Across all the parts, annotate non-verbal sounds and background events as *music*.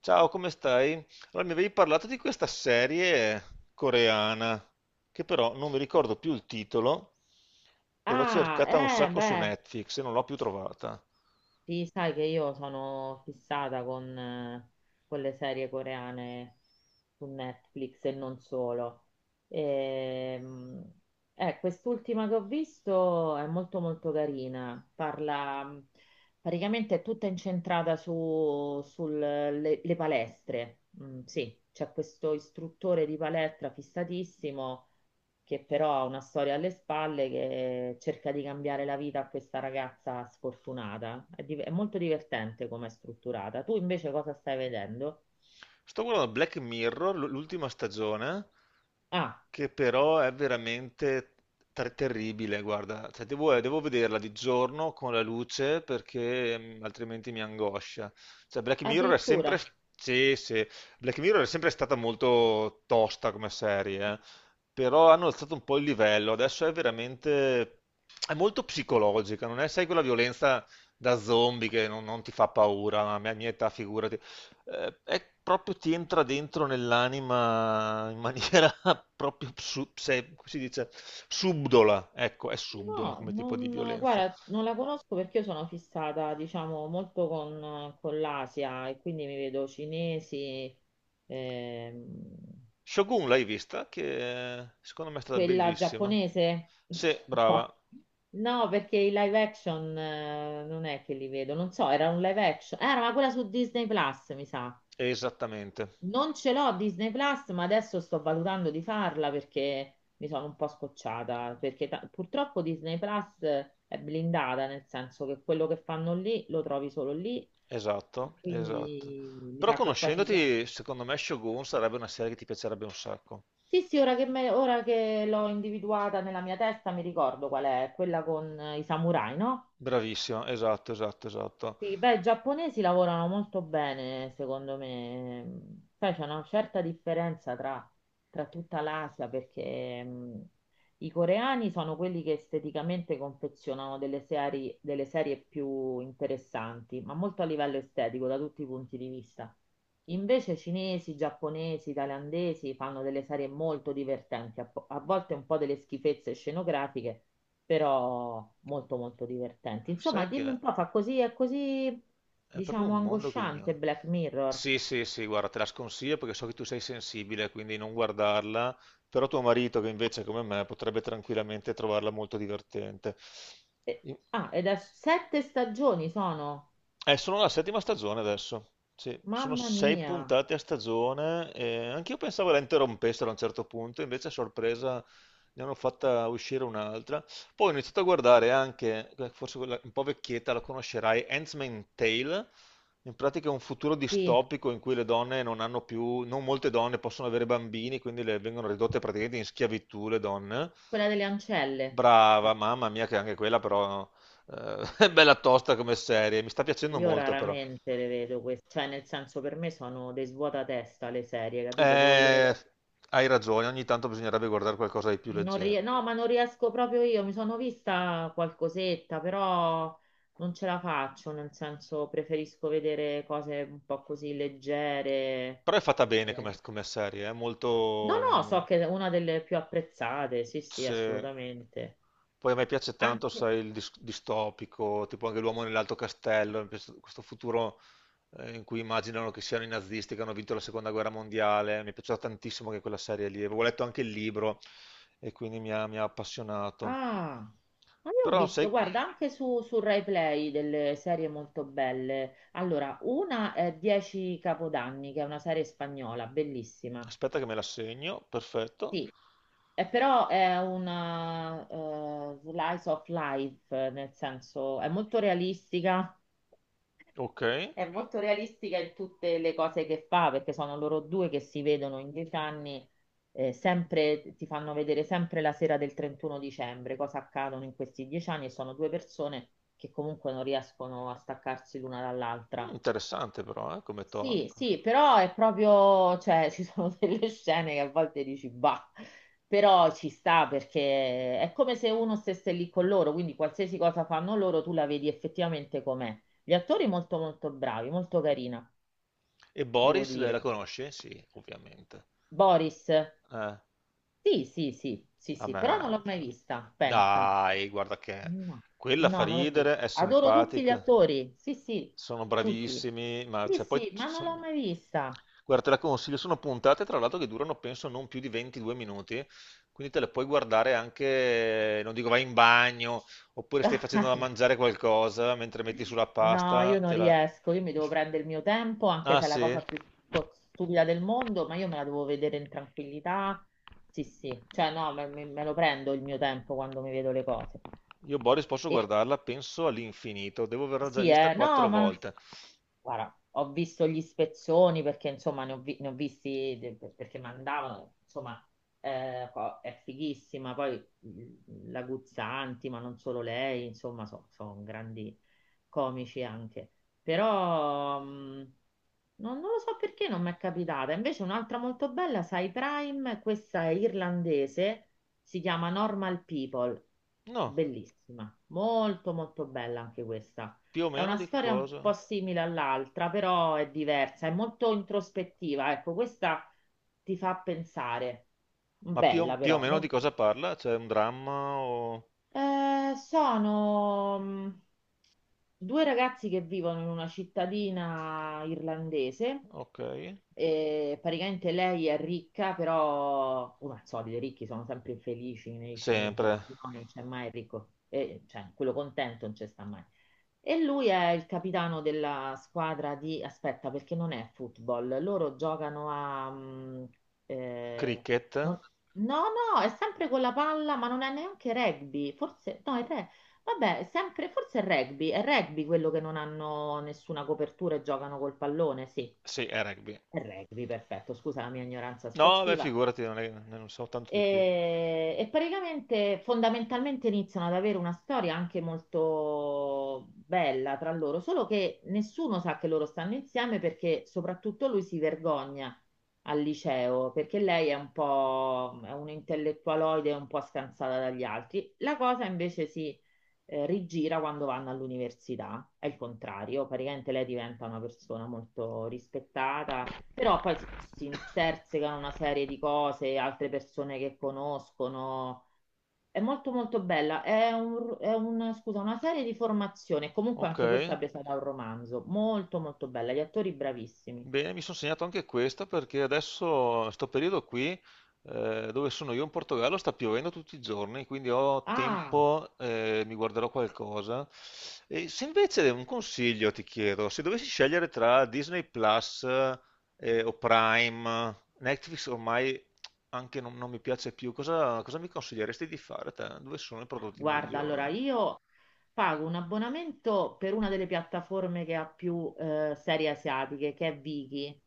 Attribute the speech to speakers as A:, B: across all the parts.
A: Ciao, come stai? Allora, mi avevi parlato di questa serie coreana, che però non mi ricordo più il titolo, e l'ho
B: Ah,
A: cercata un
B: eh,
A: sacco su
B: beh,
A: Netflix e non l'ho più trovata.
B: sì, sai che io sono fissata con le serie coreane su Netflix e non solo. Ehm, quest'ultima che ho visto è molto molto carina, parla praticamente è tutta incentrata sulle palestre. Mm, sì, c'è questo istruttore di palestra fissatissimo che però ha una storia alle spalle che cerca di cambiare la vita a questa ragazza sfortunata. È molto divertente come è strutturata. Tu invece cosa stai vedendo?
A: Sto guardando Black Mirror, l'ultima stagione,
B: Ah,
A: che però è veramente terribile, guarda. Cioè, devo, devo vederla di giorno con la luce perché mm, altrimenti mi angoscia. Cioè, Black Mirror è sempre...
B: addirittura.
A: sì, sì. Black Mirror è sempre stata molto tosta come serie, eh. Però hanno alzato un po' il livello, adesso è veramente... è molto psicologica, non è, sai, quella violenza da zombie che non, non ti fa paura, ma a mia, mia età figurati è proprio ti entra dentro nell'anima in maniera *laughs* proprio, come si dice, subdola, ecco, è subdola
B: No,
A: come tipo di
B: non,
A: violenza.
B: guarda, non la conosco perché io sono fissata, diciamo, molto con l'Asia e quindi mi vedo cinesi, ehm,
A: Shogun l'hai vista? Che secondo me è stata
B: quella
A: bellissima.
B: giapponese?
A: Sì,
B: *laughs*
A: brava,
B: No. No, perché i live action non è che li vedo, non so, era un live action. Era ma quella su Disney Plus, mi sa.
A: esattamente,
B: Non ce l'ho Disney Plus, ma adesso sto valutando di farla perché mi sono un po' scocciata, perché purtroppo Disney Plus è blindata, nel senso che quello che fanno lì lo trovi solo lì, e
A: esatto, esatto.
B: quindi mi
A: Però
B: sa che quasi...
A: conoscendoti, secondo me Shogun sarebbe una serie che ti piacerebbe un sacco.
B: Sì, sì, ora che l'ho individuata nella mia testa mi ricordo qual è, quella con i samurai, no?
A: Bravissima, esatto, esatto, esatto.
B: Sì, beh, i giapponesi lavorano molto bene, secondo me. Poi c'è una certa differenza tra tutta l'Asia, perché i coreani sono quelli che esteticamente confezionano delle serie più interessanti, ma molto a livello estetico, da tutti i punti di vista. Invece cinesi, giapponesi, thailandesi fanno delle serie molto divertenti, a volte un po' delle schifezze scenografiche, però molto molto divertenti. Insomma,
A: Sai che
B: dimmi un po', fa così, è così,
A: è proprio
B: diciamo,
A: un mondo che
B: angosciante
A: ignoro.
B: Black Mirror.
A: Sì, sì, sì, guarda, te la sconsiglio perché so che tu sei sensibile, quindi non guardarla, però tuo marito, che invece come me, potrebbe tranquillamente trovarla molto divertente.
B: Ah, ed è sette stagioni sono.
A: Sono alla settima stagione adesso. Sì, sono
B: Mamma
A: sei
B: mia,
A: puntate a stagione. E anch'io pensavo la interrompessero a un certo punto, invece a sorpresa ne hanno fatta uscire un'altra. Poi ho iniziato a guardare anche, forse quella un po' vecchietta, la conoscerai, Handmaid's Tale. In pratica è un futuro
B: sì,
A: distopico in cui le donne non hanno più, non molte donne possono avere bambini, quindi le vengono ridotte praticamente in schiavitù le donne.
B: quella delle ancelle.
A: Brava,
B: No,
A: mamma mia, che anche quella però *laughs* bella tosta come serie, mi sta piacendo
B: io
A: molto però.
B: raramente le vedo queste, cioè nel senso per me sono dei svuotatesta le serie, capito? Devo vedere...
A: Eh, hai ragione, ogni tanto bisognerebbe guardare qualcosa di più
B: Non rie-
A: leggero.
B: No, ma non riesco proprio io, mi sono vista qualcosetta, però non ce la faccio, nel senso preferisco vedere cose un po' così leggere.
A: Però è fatta bene
B: Eh,
A: come, come serie, è
B: No, no, so
A: molto...
B: che è una delle più apprezzate, sì, sì,
A: c'è-
B: assolutamente.
A: Poi a me piace tanto,
B: Anche...
A: sai, il distopico, tipo anche L'uomo nell'alto castello, mi piace questo futuro in cui immaginano che siano i nazisti che hanno vinto la seconda guerra mondiale. Mi è piaciuta tantissimo anche quella serie lì. Avevo letto anche il libro e quindi mi ha appassionato.
B: Ah, ma io ho
A: Però sai,
B: visto, guarda, anche su Rai Play delle serie molto belle. Allora, una è Dieci Capodanni, che è una serie spagnola, bellissima.
A: aspetta che me la segno, perfetto.
B: Sì, però è una slice of life, nel senso
A: Ok,
B: è molto realistica in tutte le cose che fa, perché sono loro due che si vedono in dieci anni, sempre, ti fanno vedere sempre la sera del 31 dicembre, cosa accadono in questi dieci anni, e sono due persone che comunque non riescono a staccarsi l'una
A: mm,
B: dall'altra.
A: interessante però, come
B: Sì,
A: talk.
B: sì, però è proprio, cioè, ci sono *laughs* delle scene che a volte dici, bah, però ci sta perché è come se uno stesse lì con loro, quindi qualsiasi cosa fanno loro tu la vedi effettivamente com'è. Gli attori molto molto bravi, molto carina,
A: E
B: devo
A: Boris, la
B: dire.
A: la conosci? Sì, ovviamente.
B: Boris,
A: Eh,
B: sì, sì, sì, sì,
A: A
B: sì,
A: me...
B: però non l'ho mai
A: cioè.
B: vista, pensa.
A: Dai, guarda che...
B: No,
A: Quella fa
B: no, non l'ho vista.
A: ridere, è
B: Adoro tutti gli
A: simpatica,
B: attori, sì, sì,
A: sono
B: tutti.
A: bravissimi, ma
B: Sì,
A: cioè, poi...
B: sì, ma non l'ho mai vista.
A: Guarda, te la consiglio, sono puntate tra l'altro che durano penso non più di 22 minuti, quindi te le puoi guardare anche, non dico vai in bagno, oppure stai facendo da
B: *laughs*
A: mangiare qualcosa mentre metti sulla
B: No, io
A: pasta,
B: non
A: te la...
B: riesco, io mi devo prendere il mio tempo, anche
A: Ah
B: se è la
A: sì?
B: cosa più stupida del mondo, ma io me la devo vedere in tranquillità. Sì, sì, cioè no, me lo prendo il mio tempo quando mi vedo le cose.
A: Io Boris posso
B: E,
A: guardarla, penso all'infinito, devo averla già
B: sì,
A: vista quattro
B: no, ma
A: volte.
B: guarda, ho visto gli spezzoni perché insomma ne ho visti perché mandavano, insomma è fighissima, poi mm, la Guzzanti, ma non solo lei, insomma sono grandi comici anche. Però non lo so perché non mi è capitata. Invece un'altra molto bella, sai, Prime, questa è irlandese, si chiama Normal People,
A: No.
B: bellissima, molto molto bella anche questa.
A: Più o
B: È
A: meno
B: una
A: di
B: storia un
A: cosa?
B: po' simile all'altra, però è diversa, è molto introspettiva. Ecco, questa ti fa pensare.
A: Ma più, o
B: Bella
A: più o
B: però.
A: meno di cosa parla? C'è un dramma o...
B: Sono due ragazzi che vivono in una cittadina irlandese.
A: Ok.
B: E praticamente lei è ricca, però come al solito i ricchi sono sempre infelici nei
A: Sempre.
B: sceneggiati, no? Non c'è mai il ricco, cioè quello contento non c'è sta mai. E lui è il capitano della squadra di... Aspetta, perché non è football. Loro giocano a... eh,
A: Cricket?
B: non- No, no, è sempre con la palla, ma non è neanche rugby. Forse... No, vabbè, è sempre... Forse è rugby. È rugby quello che non hanno nessuna copertura e giocano col pallone, sì.
A: Sì, è rugby.
B: È rugby, perfetto. Scusa la mia ignoranza
A: No, beh,
B: sportiva.
A: figurati, non, non so tanto di più.
B: E praticamente fondamentalmente iniziano ad avere una storia anche molto bella tra loro, solo che nessuno sa che loro stanno insieme perché soprattutto lui si vergogna al liceo perché lei è un intellettualoide, un po' scansata dagli altri. La cosa invece rigira quando vanno all'università, è il contrario, praticamente lei diventa una persona molto rispettata, però poi si intersecano una serie di cose, altre persone che conoscono. È molto molto bella. Scusa, una serie di formazione, comunque
A: Ok.
B: anche questa presa da un romanzo. Molto molto bella. Gli attori bravissimi.
A: Bene, mi sono segnato anche questa perché adesso, sto periodo qui, dove sono io in Portogallo, sta piovendo tutti i giorni, quindi ho
B: Ah!
A: tempo, mi guarderò qualcosa. E se invece un consiglio ti chiedo, se dovessi scegliere tra Disney Plus, o Prime, Netflix ormai anche non, non mi piace più, cosa, cosa mi consiglieresti di fare te? Dove sono i prodotti
B: Guarda, allora
A: migliori?
B: io pago un abbonamento per una delle piattaforme che ha più serie asiatiche, che è Viki,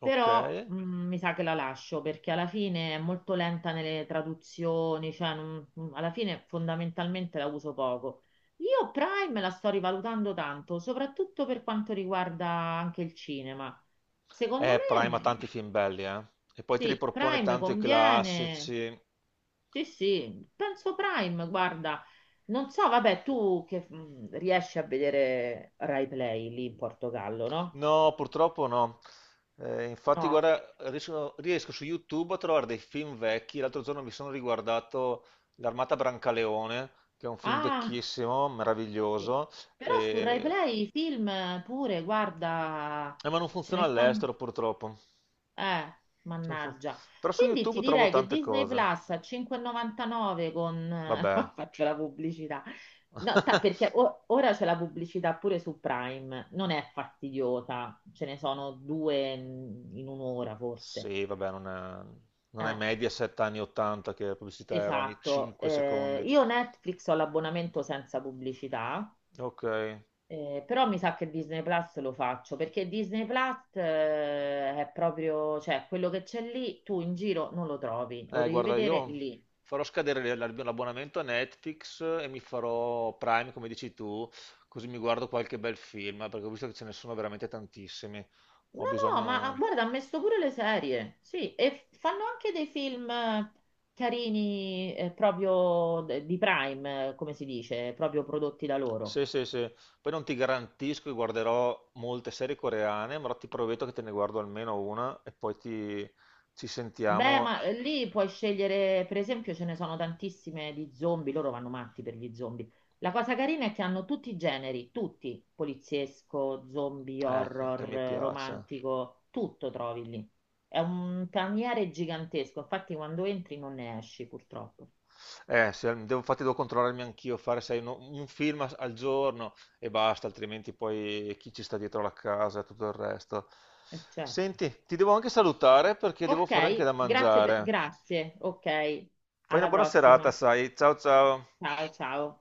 A: Ok.
B: però mi sa che la lascio perché alla fine è molto lenta nelle traduzioni, alla fine fondamentalmente la uso poco. Io Prime la sto rivalutando tanto, soprattutto per quanto riguarda anche il cinema. Secondo me,
A: Prime ha
B: mm,
A: tanti film belli, eh. E poi ti
B: sì,
A: ripropone
B: Prime
A: tanto i
B: conviene.
A: classici.
B: Sì, sì, penso Prime, guarda, non so, vabbè, tu che riesci a vedere Rai Play lì in Portogallo, no?
A: No, purtroppo no. Infatti,
B: No.
A: guarda, riesco, riesco su YouTube a trovare dei film vecchi. L'altro giorno mi sono riguardato L'Armata Brancaleone, che è un film
B: Ah,
A: vecchissimo,
B: sì.
A: meraviglioso.
B: Però su Rai
A: e-
B: Play i film pure, guarda,
A: eh, ma non
B: ce
A: funziona
B: ne stanno.
A: all'estero, purtroppo.
B: Eh,
A: Non fun-
B: mannaggia.
A: Però su
B: Quindi ti
A: YouTube trovo
B: direi che
A: tante
B: Disney
A: cose.
B: Plus a 5,99 con... *laughs*
A: Vabbè.
B: Faccio la pubblicità. No,
A: *laughs*
B: ora c'è la pubblicità pure su Prime, non è fastidiosa, ce ne sono due mm, in un'ora forse.
A: Sì, vabbè, non è, non è
B: Eh,
A: Mediaset anni 80 che la pubblicità era ogni
B: esatto.
A: 5 secondi.
B: Io Netflix ho l'abbonamento senza pubblicità.
A: Ok.
B: Però mi sa che Disney Plus lo faccio perché Disney Plus è proprio, cioè quello che c'è lì tu in giro non lo trovi, lo devi
A: Guarda,
B: vedere
A: io
B: lì.
A: farò scadere l'abbonamento a Netflix e mi farò Prime, come dici tu, così mi guardo qualche bel film, perché ho visto che ce ne sono veramente tantissimi. Ho
B: No, no, ma
A: bisogno...
B: guarda, ha messo pure le serie, sì, e fanno anche dei film carini eh, proprio di Prime, come si dice, proprio prodotti da loro.
A: Sì, sì, sì. Poi non ti garantisco che guarderò molte serie coreane, ma ti prometto che te ne guardo almeno una e poi ti... ci
B: Beh,
A: sentiamo.
B: ma lì puoi scegliere, per esempio, ce ne sono tantissime di zombie, loro vanno matti per gli zombie. La cosa carina è che hanno tutti i generi, tutti, poliziesco, zombie,
A: Che
B: horror,
A: mi piace.
B: romantico, tutto trovi lì. È un paniere gigantesco, infatti quando entri non ne esci, purtroppo.
A: Devo, infatti devo controllarmi anch'io, fare sai, un film al giorno e basta, altrimenti poi chi ci sta dietro la casa e tutto il resto.
B: Certo.
A: Senti, ti devo anche salutare perché devo fare anche
B: Ok,
A: da mangiare.
B: grazie, ok,
A: Fai una
B: alla
A: buona
B: prossima.
A: serata, sai. Ciao ciao.
B: Ciao, ciao.